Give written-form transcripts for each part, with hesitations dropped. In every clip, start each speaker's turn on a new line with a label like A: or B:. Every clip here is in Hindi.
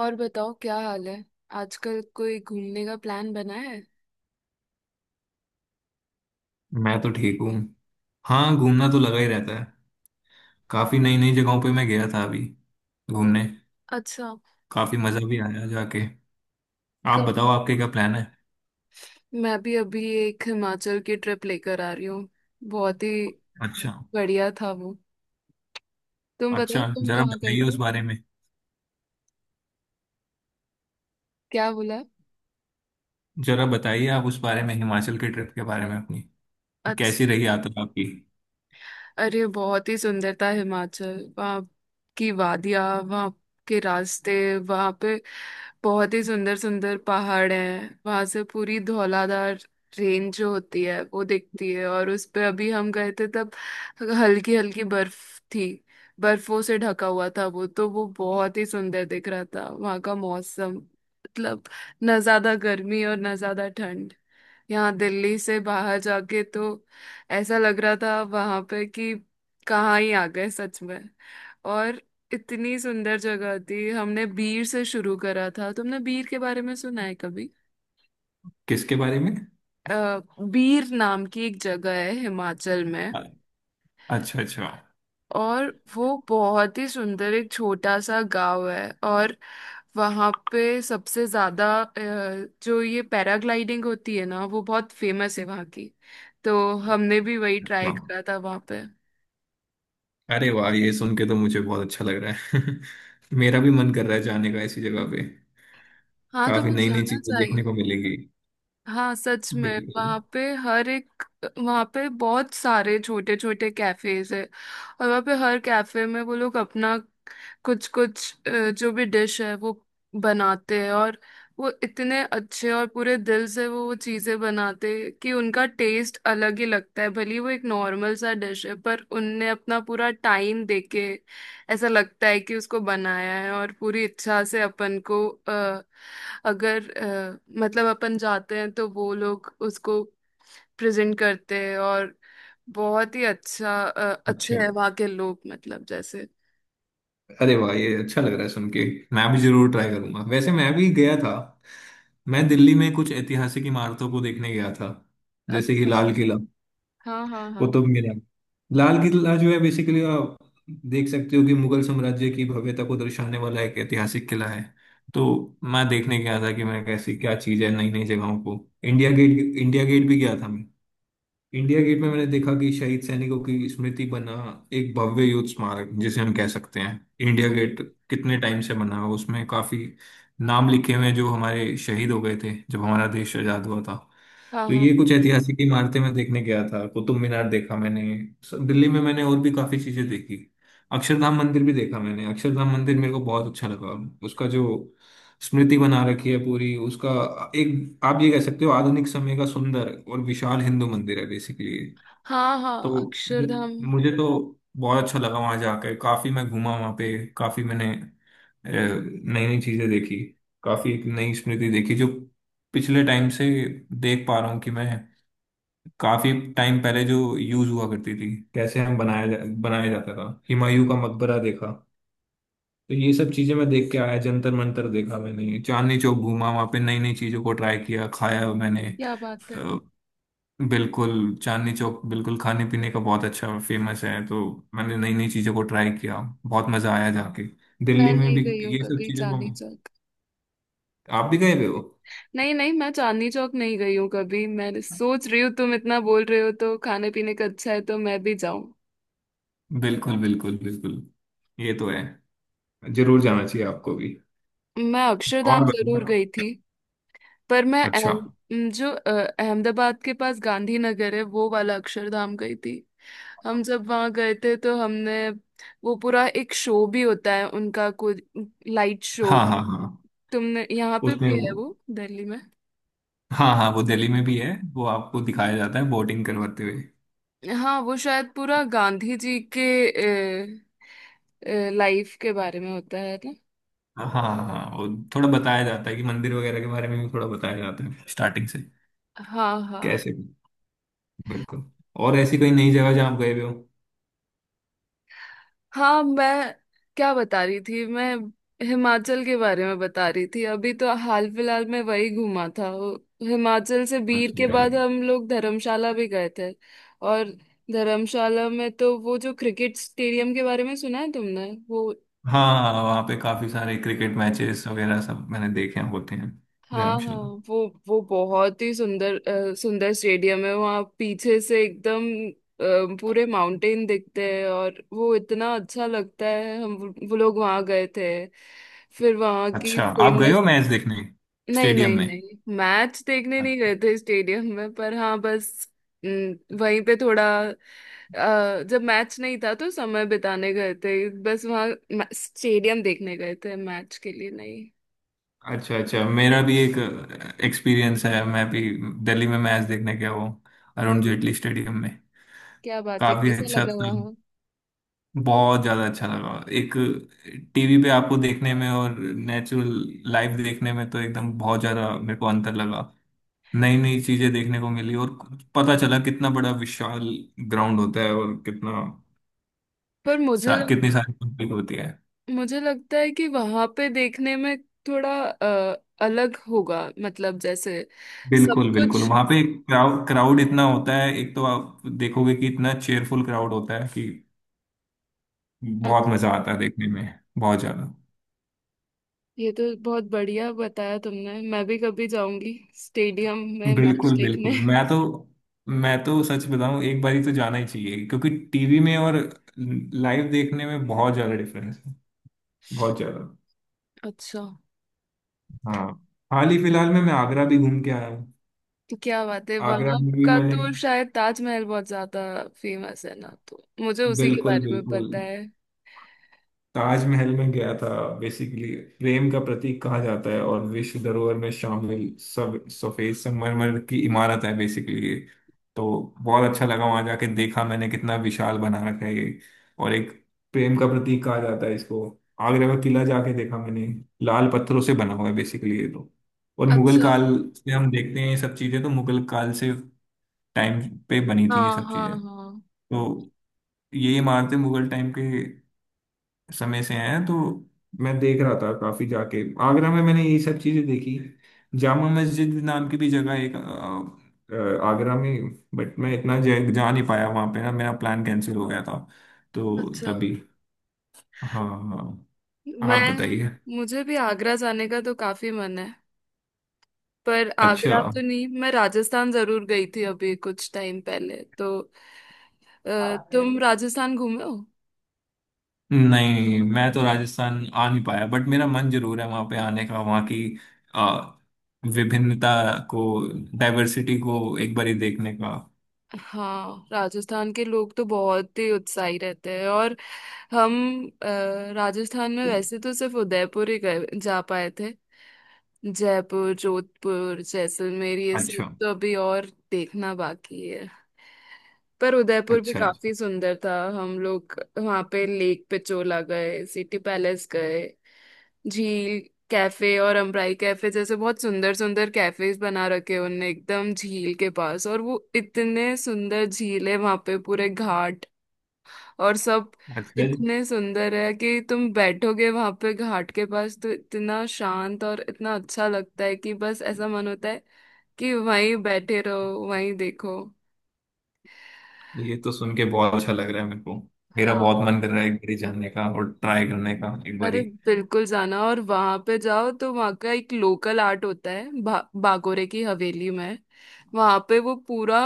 A: और बताओ, क्या हाल है। आजकल कोई घूमने का प्लान बना है?
B: मैं तो ठीक हूँ। हाँ, घूमना तो लगा ही रहता है। काफी नई नई जगहों पे मैं गया था अभी घूमने।
A: अच्छा।
B: काफी मजा भी आया जाके। आप
A: कल
B: बताओ आपके क्या प्लान है?
A: मैं भी अभी एक हिमाचल की ट्रिप लेकर आ रही हूँ, बहुत ही
B: अच्छा,
A: बढ़िया था वो। तुम बताओ,
B: अच्छा,
A: तुम
B: जरा
A: कहाँ गए
B: बताइए उस
A: थे?
B: बारे में।
A: क्या बोला?
B: जरा बताइए आप उस बारे में हिमाचल के ट्रिप के बारे में अपनी। कैसी रही यात्रा आपकी?
A: अरे, बहुत ही सुंदर था हिमाचल। वहाँ की वादियाँ, वहाँ के रास्ते, वहाँ पे बहुत ही सुंदर सुंदर पहाड़ हैं। वहाँ से पूरी धौलाधार रेंज जो होती है वो दिखती है, और उस पे अभी हम गए थे तब हल्की हल्की बर्फ थी, बर्फों से ढका हुआ था वो तो। वो बहुत ही सुंदर दिख रहा था। वहाँ का मौसम मतलब ना ज्यादा गर्मी और ना ज्यादा ठंड। यहाँ दिल्ली से बाहर जाके तो ऐसा लग रहा था वहां पे कि कहाँ ही आ गए सच में। और इतनी सुंदर जगह थी। हमने बीर से शुरू करा था, तुमने बीर के बारे में सुना है कभी?
B: किसके बारे में?
A: अ, बीर नाम की एक जगह है हिमाचल में।
B: अ- अच्छा, अच्छा।
A: और वो बहुत ही सुंदर एक छोटा सा गांव है, और वहाँ पे सबसे ज्यादा जो ये पैराग्लाइडिंग होती है ना वो बहुत फेमस है वहाँ की। तो हमने भी वही
B: अच्छा,
A: ट्राई करा था वहाँ पे।
B: अरे वाह, ये सुन के तो मुझे बहुत अच्छा लग रहा है। मेरा भी मन कर रहा है जाने का ऐसी जगह पे।
A: हाँ,
B: काफी
A: तुम्हें
B: नई नई
A: जाना
B: चीजें देखने
A: चाहिए।
B: को मिलेंगी।
A: हाँ सच में।
B: बिल्कुल।
A: वहाँ पे हर एक। वहाँ पे बहुत सारे छोटे छोटे कैफेज है, और वहाँ पे हर कैफे में वो लोग अपना कुछ कुछ जो भी डिश है वो बनाते हैं। और वो इतने अच्छे और पूरे दिल से वो चीज़ें बनाते हैं कि उनका टेस्ट अलग ही लगता है, भले ही वो एक नॉर्मल सा डिश है पर उनने अपना पूरा टाइम देके ऐसा लगता है कि उसको बनाया है। और पूरी इच्छा से अपन को अगर मतलब अपन जाते हैं तो वो लोग उसको प्रेजेंट करते हैं। और बहुत ही अच्छा अच्छे
B: अच्छा,
A: है वहाँ के लोग, मतलब जैसे।
B: अरे वाह, ये अच्छा लग रहा है सुन के। मैं भी जरूर ट्राई करूंगा। वैसे मैं भी गया था। मैं दिल्ली में कुछ ऐतिहासिक इमारतों को देखने गया था। जैसे कि
A: अच्छा।
B: लाल किला,
A: हाँ हाँ हाँ।
B: कुतुब मीनार। लाल किला जो है बेसिकली आप देख सकते हो कि मुगल साम्राज्य की भव्यता को दर्शाने वाला एक ऐतिहासिक किला है। तो मैं देखने गया था कि मैं कैसी क्या चीज़ है नई नई जगहों को। इंडिया गेट, इंडिया गेट भी गया था मैं। इंडिया गेट में मैंने देखा कि शहीद सैनिकों की स्मृति बना एक भव्य युद्ध स्मारक जिसे हम कह सकते हैं इंडिया
A: हम्म।
B: गेट। कितने टाइम से बना है उसमें, काफी नाम लिखे हुए हैं जो हमारे शहीद हो गए थे जब हमारा देश आजाद हुआ था।
A: हाँ
B: तो
A: हाँ
B: ये कुछ ऐतिहासिक इमारतें मैं देखने गया था। कुतुब मीनार देखा मैंने। दिल्ली में मैंने और भी काफी चीजें देखी। अक्षरधाम मंदिर भी देखा मैंने। अक्षरधाम मंदिर मेरे को बहुत अच्छा लगा। उसका जो स्मृति बना रखी है पूरी उसका, एक आप ये कह सकते हो आधुनिक समय का सुंदर और विशाल हिंदू मंदिर है बेसिकली।
A: हाँ।
B: तो
A: हाँ, अक्षरधाम।
B: मुझे तो बहुत अच्छा लगा वहां जाकर। काफी मैं घूमा वहां पे। काफी मैंने नई नई चीजें देखी। काफी एक नई स्मृति देखी जो पिछले टाइम से देख पा रहा हूँ कि मैं काफी टाइम पहले जो यूज हुआ करती थी कैसे हम बनाया जाता था। हुमायूं का मकबरा देखा। तो ये सब चीजें मैं देख के आया। जंतर मंतर देखा मैंने। चांदनी चौक घूमा वहां पे, नई नई चीजों को ट्राई किया, खाया मैंने।
A: क्या बात है।
B: अ, बिल्कुल। चांदनी चौक बिल्कुल खाने पीने का बहुत अच्छा फेमस है, तो मैंने नई नई चीजों को ट्राई किया। बहुत मजा आया जाके
A: मैं
B: दिल्ली में
A: नहीं
B: भी।
A: गई हूँ
B: ये सब
A: कभी
B: चीजों को
A: चांदनी चौक।
B: आप भी गए हुए हो?
A: नहीं नहीं, मैं चांदनी चौक नहीं गई हूँ कभी। मैं सोच रही हूँ तुम इतना बोल रहे हो तो खाने पीने का अच्छा है, तो मैं भी जाऊँ।
B: बिल्कुल, बिल्कुल, बिल्कुल। ये तो है। जरूर जाना चाहिए आपको भी।
A: मैं
B: और
A: अक्षरधाम जरूर
B: बताओ।
A: गई थी। पर मैं
B: अच्छा।
A: जो अहमदाबाद के पास गांधीनगर है वो वाला अक्षरधाम गई थी। हम जब वहां गए थे तो हमने वो पूरा एक शो भी होता है उनका कुछ लाइट शो।
B: हाँ, हाँ, हाँ।
A: तुमने यहाँ पे
B: उसमें
A: भी
B: वो,
A: है वो दिल्ली में?
B: हाँ हाँ, वो दिल्ली में भी है, वो आपको दिखाया जाता है बोटिंग करवाते हुए।
A: हाँ, वो शायद पूरा गांधी जी के लाइफ के बारे में होता है ना?
B: हाँ हाँ, वो थोड़ा बताया जाता है कि मंदिर वगैरह के बारे में भी थोड़ा बताया जाता है स्टार्टिंग से।
A: हाँ हाँ
B: कैसे? बिल्कुल। और ऐसी कोई नई जगह जहाँ आप गए भी हो?
A: हाँ। मैं क्या बता रही थी? मैं हिमाचल के बारे में बता रही थी। अभी तो हाल फिलहाल में वही घूमा था। हिमाचल से बीर
B: अच्छा।
A: के बाद हम लोग धर्मशाला भी गए थे। और धर्मशाला में तो वो जो क्रिकेट स्टेडियम के बारे में सुना है तुमने वो?
B: हाँ, वहाँ पे काफी सारे क्रिकेट मैचेस वगैरह सब मैंने देखे हैं, होते हैं।
A: हाँ हाँ।
B: धर्मशाला।
A: वो बहुत ही सुंदर सुंदर स्टेडियम है। वहाँ पीछे से एकदम पूरे माउंटेन दिखते हैं, और वो इतना अच्छा लगता है। हम वो लोग वहाँ गए थे। फिर वहाँ की
B: अच्छा, आप गए
A: फेमस।
B: हो मैच देखने
A: नहीं
B: स्टेडियम
A: नहीं
B: में?
A: नहीं, मैच देखने नहीं गए थे स्टेडियम में, पर हाँ बस वहीं पे थोड़ा जब मैच नहीं था तो समय बिताने गए थे बस वहाँ। स्टेडियम देखने गए थे, मैच के लिए नहीं।
B: अच्छा, अच्छा। मेरा भी एक एक्सपीरियंस है। मैं भी दिल्ली में मैच देखने गया हूँ, अरुण जेटली स्टेडियम में।
A: क्या बात है,
B: काफी
A: कैसा
B: अच्छा
A: लगा
B: था।
A: वहाँ?
B: बहुत ज्यादा अच्छा लगा। एक, टीवी पे आपको देखने में और नेचुरल लाइव देखने में तो एकदम बहुत ज्यादा मेरे को अंतर लगा। नई नई चीजें देखने को मिली और पता चला कितना बड़ा विशाल ग्राउंड होता है और कितना
A: पर
B: कितनी सारी पब्लिक होती है।
A: मुझे लगता है कि वहां पे देखने में थोड़ा अलग होगा, मतलब जैसे सब
B: बिल्कुल, बिल्कुल,
A: कुछ।
B: वहां पे क्राउड, क्राउड इतना होता है, एक तो आप देखोगे कि इतना चेयरफुल क्राउड होता है कि बहुत
A: अच-
B: मजा आता है देखने में, बहुत ज्यादा।
A: ये तो बहुत बढ़िया बताया तुमने, मैं भी कभी जाऊंगी स्टेडियम में मैच
B: बिल्कुल,
A: देखने।
B: बिल्कुल। मैं तो सच बताऊं, एक बारी तो जाना ही चाहिए क्योंकि टीवी में और लाइव देखने में बहुत ज्यादा डिफरेंस है, बहुत ज्यादा।
A: अच्छा।
B: हाँ, हाल ही फिलहाल में मैं आगरा भी घूम के आया हूँ।
A: तो क्या बात है,
B: आगरा
A: वहां
B: में भी
A: का
B: मैंने,
A: तो शायद ताजमहल बहुत ज्यादा फेमस है ना, तो मुझे उसी के
B: बिल्कुल,
A: बारे में
B: बिल्कुल,
A: पता है।
B: ताजमहल में गया था। बेसिकली प्रेम का प्रतीक कहा जाता है और विश्व धरोहर में शामिल, सब सफेद संगमरमर की इमारत है बेसिकली। तो बहुत अच्छा लगा वहां जाके। देखा मैंने कितना विशाल बना रखा है ये, और एक प्रेम का प्रतीक कहा जाता है इसको। आगरा का किला जाके देखा मैंने। लाल पत्थरों से बना हुआ है बेसिकली ये तो। और मुगल
A: अच्छा।
B: काल से हम देखते हैं ये सब चीजें। तो मुगल काल से टाइम पे बनी थी ये
A: हाँ
B: सब
A: हाँ
B: चीजें।
A: हाँ।
B: तो ये इमारतें मुगल टाइम के समय से हैं। तो मैं देख रहा था काफी, जाके आगरा में मैंने ये सब चीजें देखी। जामा मस्जिद नाम की भी जगह एक, आगरा में। बट मैं इतना जा नहीं पाया वहां पे, ना, मेरा प्लान कैंसिल हो गया था तो
A: अच्छा।
B: तभी। हाँ, हाँ, हाँ। आप
A: मैं।
B: बताइए।
A: मुझे भी आगरा जाने का तो काफी मन है। पर
B: अच्छा।
A: आगरा तो नहीं, मैं राजस्थान जरूर गई थी अभी कुछ टाइम पहले तो। तुम राजस्थान घूमे हो?
B: नहीं, मैं तो राजस्थान आ नहीं पाया, बट मेरा मन जरूर है वहां पे आने का। वहां की अ, विभिन्नता को, डाइवर्सिटी को एक बार ही देखने का।
A: हाँ, राजस्थान के लोग तो बहुत ही उत्साही रहते हैं। और हम अ, राजस्थान में वैसे तो सिर्फ उदयपुर ही गए जा पाए थे, जयपुर, जोधपुर, जैसलमेर ये सब
B: अच्छा,
A: तो अभी और देखना बाकी है। पर उदयपुर भी
B: अच्छा।
A: काफी सुंदर था। हम लोग वहां पे लेक पिचोला गए, सिटी पैलेस गए, झील कैफे और अम्ब्राई कैफे जैसे बहुत सुंदर सुंदर कैफेज बना रखे उनने एकदम झील के पास। और वो इतने सुंदर झील है वहां पे, पूरे घाट और सब
B: अच्छा,
A: इतने सुंदर है कि तुम बैठोगे वहां पे घाट के पास तो इतना शांत और इतना अच्छा लगता है कि बस ऐसा मन होता है कि वहीं बैठे रहो, वहीं देखो।
B: ये तो सुन के बहुत अच्छा लग रहा है मेरे को। मेरा
A: हाँ।
B: बहुत मन कर रहा है एक बारी जानने का और ट्राई करने का एक बारी।
A: अरे बिल्कुल जाना। और वहां पे जाओ तो वहां का एक लोकल आर्ट होता है बागोरे की हवेली में। वहां पे वो पूरा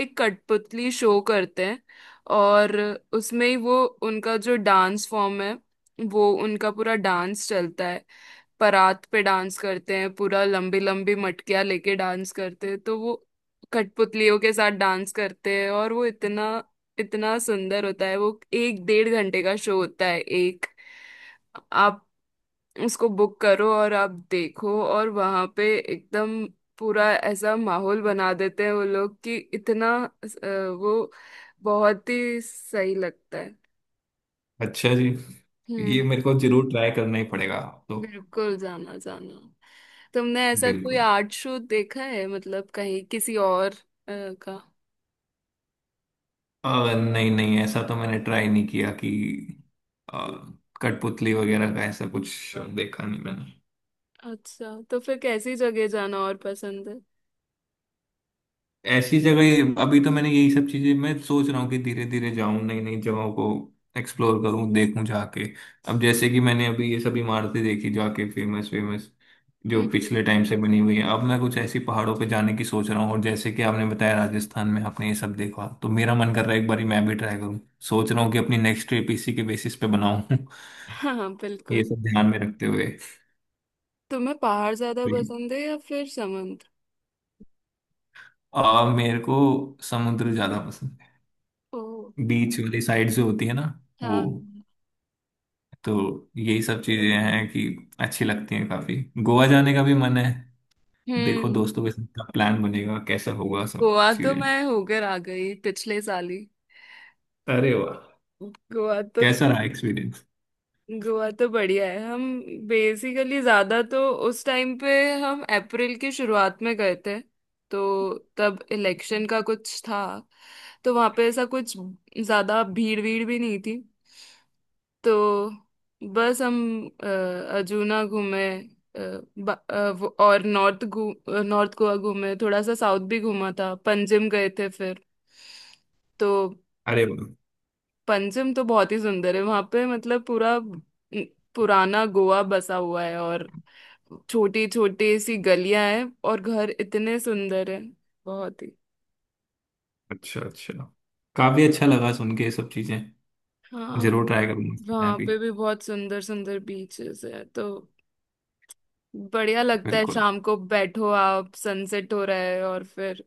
A: एक कठपुतली शो करते हैं, और उसमें ही वो उनका जो डांस फॉर्म है, वो उनका पूरा डांस चलता है। परात पे डांस करते हैं, पूरा लंबी लंबी मटकियां लेके डांस करते हैं, तो वो कठपुतलियों के साथ डांस करते हैं, और वो इतना इतना सुंदर होता है। वो एक 1.5 घंटे का शो होता है, एक आप उसको बुक करो और आप देखो, और वहां पे एकदम पूरा ऐसा माहौल बना देते हैं वो लोग कि इतना वो बहुत ही सही लगता है।
B: अच्छा जी, ये
A: हम्म।
B: मेरे को जरूर ट्राई करना ही पड़ेगा। तो
A: बिल्कुल जाना जाना। तुमने ऐसा कोई
B: बिल्कुल।
A: आर्ट शो देखा है, मतलब कहीं किसी और का?
B: अ, नहीं, नहीं, ऐसा तो मैंने ट्राई नहीं किया कि अ, कठपुतली वगैरह का, ऐसा कुछ देखा नहीं मैंने।
A: अच्छा, तो फिर कैसी जगह जाना और पसंद है?
B: ऐसी जगह अभी तो मैंने, यही सब चीजें मैं सोच रहा हूँ कि धीरे धीरे जाऊं नई नई जगहों को एक्सप्लोर करूं, देखूं जाके। अब जैसे कि मैंने अभी ये सब इमारतें देखी जाके, फेमस फेमस जो
A: हम्म।
B: पिछले टाइम से बनी हुई है, अब मैं कुछ ऐसी पहाड़ों पे जाने की सोच रहा हूँ। और जैसे कि आपने बताया राजस्थान में आपने ये सब देखा, तो मेरा मन कर रहा है एक बारी मैं भी ट्राई करूँ। सोच रहा हूँ कि अपनी नेक्स्ट ट्रिप इसी के बेसिस पे बनाऊं।
A: हाँ हाँ,
B: ये
A: बिल्कुल।
B: सब ध्यान में रखते हुए।
A: तुम्हें पहाड़ ज्यादा पसंद है या फिर समुद्र?
B: मेरे को समुद्र ज्यादा पसंद
A: ओ।
B: है। बीच वाली साइड जो होती है ना, वो।
A: हाँ।
B: तो यही सब चीजें हैं कि अच्छी लगती हैं काफी। गोवा जाने का भी मन है। देखो
A: हम्म।
B: दोस्तों के साथ प्लान बनेगा कैसा होगा सब
A: गोवा तो
B: चीजें।
A: मैं होकर आ गई पिछले साल ही।
B: अरे वाह,
A: गोवा तो
B: कैसा रहा एक्सपीरियंस?
A: गोवा तो बढ़िया है। हम बेसिकली ज्यादा तो उस टाइम पे हम अप्रैल की शुरुआत में गए थे, तो तब इलेक्शन का कुछ था, तो वहां पे ऐसा कुछ ज्यादा भीड़ भीड़ भी नहीं थी। तो बस हम अ, अजूना घूमे, और नॉर्थ घू नॉर्थ गोवा घूमे। थोड़ा सा साउथ भी घूमा था, पंजिम गए थे फिर। तो
B: अरे वाह।
A: पंचम तो बहुत ही सुंदर है वहां पे, मतलब पूरा पुराना गोवा बसा हुआ है, और छोटी छोटी सी गलियां हैं, और घर इतने सुंदर हैं बहुत ही।
B: अच्छा, अच्छा, काफी अच्छा लगा सुन के ये सब चीजें।
A: हाँ,
B: जरूर ट्राई करूंगा मैं
A: वहां
B: भी।
A: पे भी बहुत सुंदर सुंदर बीचेस है, तो बढ़िया लगता है
B: बिल्कुल,
A: शाम को बैठो, आप सनसेट हो रहा है और फिर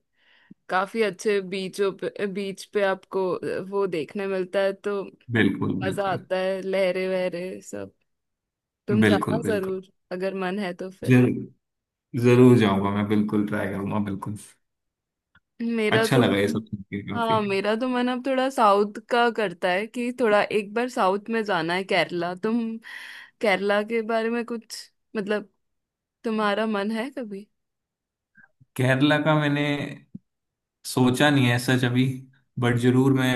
A: काफी अच्छे बीचों पे, बीच पे आपको वो देखने मिलता है। तो
B: बिल्कुल।
A: मजा
B: बिल्कुल,
A: आता है लहरे वहरे सब। तुम
B: बिल्कुल,
A: जाना
B: बिल्कुल।
A: जरूर अगर मन है तो फिर।
B: जरूर, जरूर जाऊंगा, मैं बिल्कुल ट्राई करूंगा, बिल्कुल।
A: मेरा
B: अच्छा
A: तो
B: लगा ये
A: मन
B: सब सुन के
A: हाँ,
B: काफी।
A: मेरा तो मन अब थोड़ा साउथ का करता है कि थोड़ा एक बार साउथ में जाना है, केरला। तुम केरला के बारे में कुछ, मतलब तुम्हारा मन है कभी?
B: केरला का मैंने सोचा नहीं है सच, अभी। बट जरूर मैं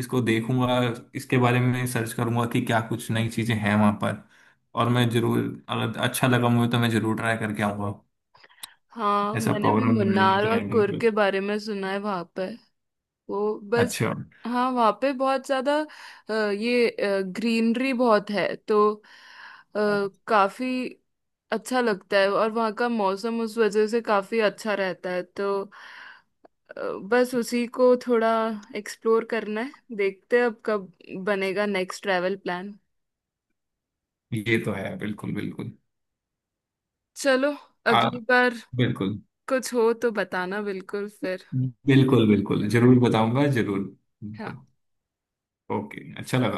B: इसको देखूंगा, इसके बारे में सर्च करूंगा कि क्या कुछ नई चीजें हैं वहां पर। और मैं जरूर, अगर अच्छा लगा मुझे तो मैं जरूर ट्राई करके आऊंगा।
A: हाँ,
B: ऐसा
A: मैंने भी
B: प्रोग्राम बनाएंगे,
A: मुन्नार और
B: जाएंगे।
A: कुर्ग के बारे में सुना है। वहां पर वो बस।
B: अच्छा।
A: हाँ, वहाँ पे बहुत ज्यादा ये ग्रीनरी बहुत है, तो काफी अच्छा लगता है, और वहाँ का मौसम उस वजह से काफी अच्छा रहता है। तो अ, बस उसी को थोड़ा एक्सप्लोर करना है, देखते हैं अब कब बनेगा नेक्स्ट ट्रैवल प्लान।
B: ये तो है, बिल्कुल, बिल्कुल।
A: चलो,
B: आ,
A: अगली बार
B: बिल्कुल।
A: कुछ हो तो बताना बिल्कुल फिर।
B: बिल्कुल, बिल्कुल, जरूर बताऊंगा, जरूर, बिल्कुल।
A: हाँ।
B: ओके, अच्छा लगा।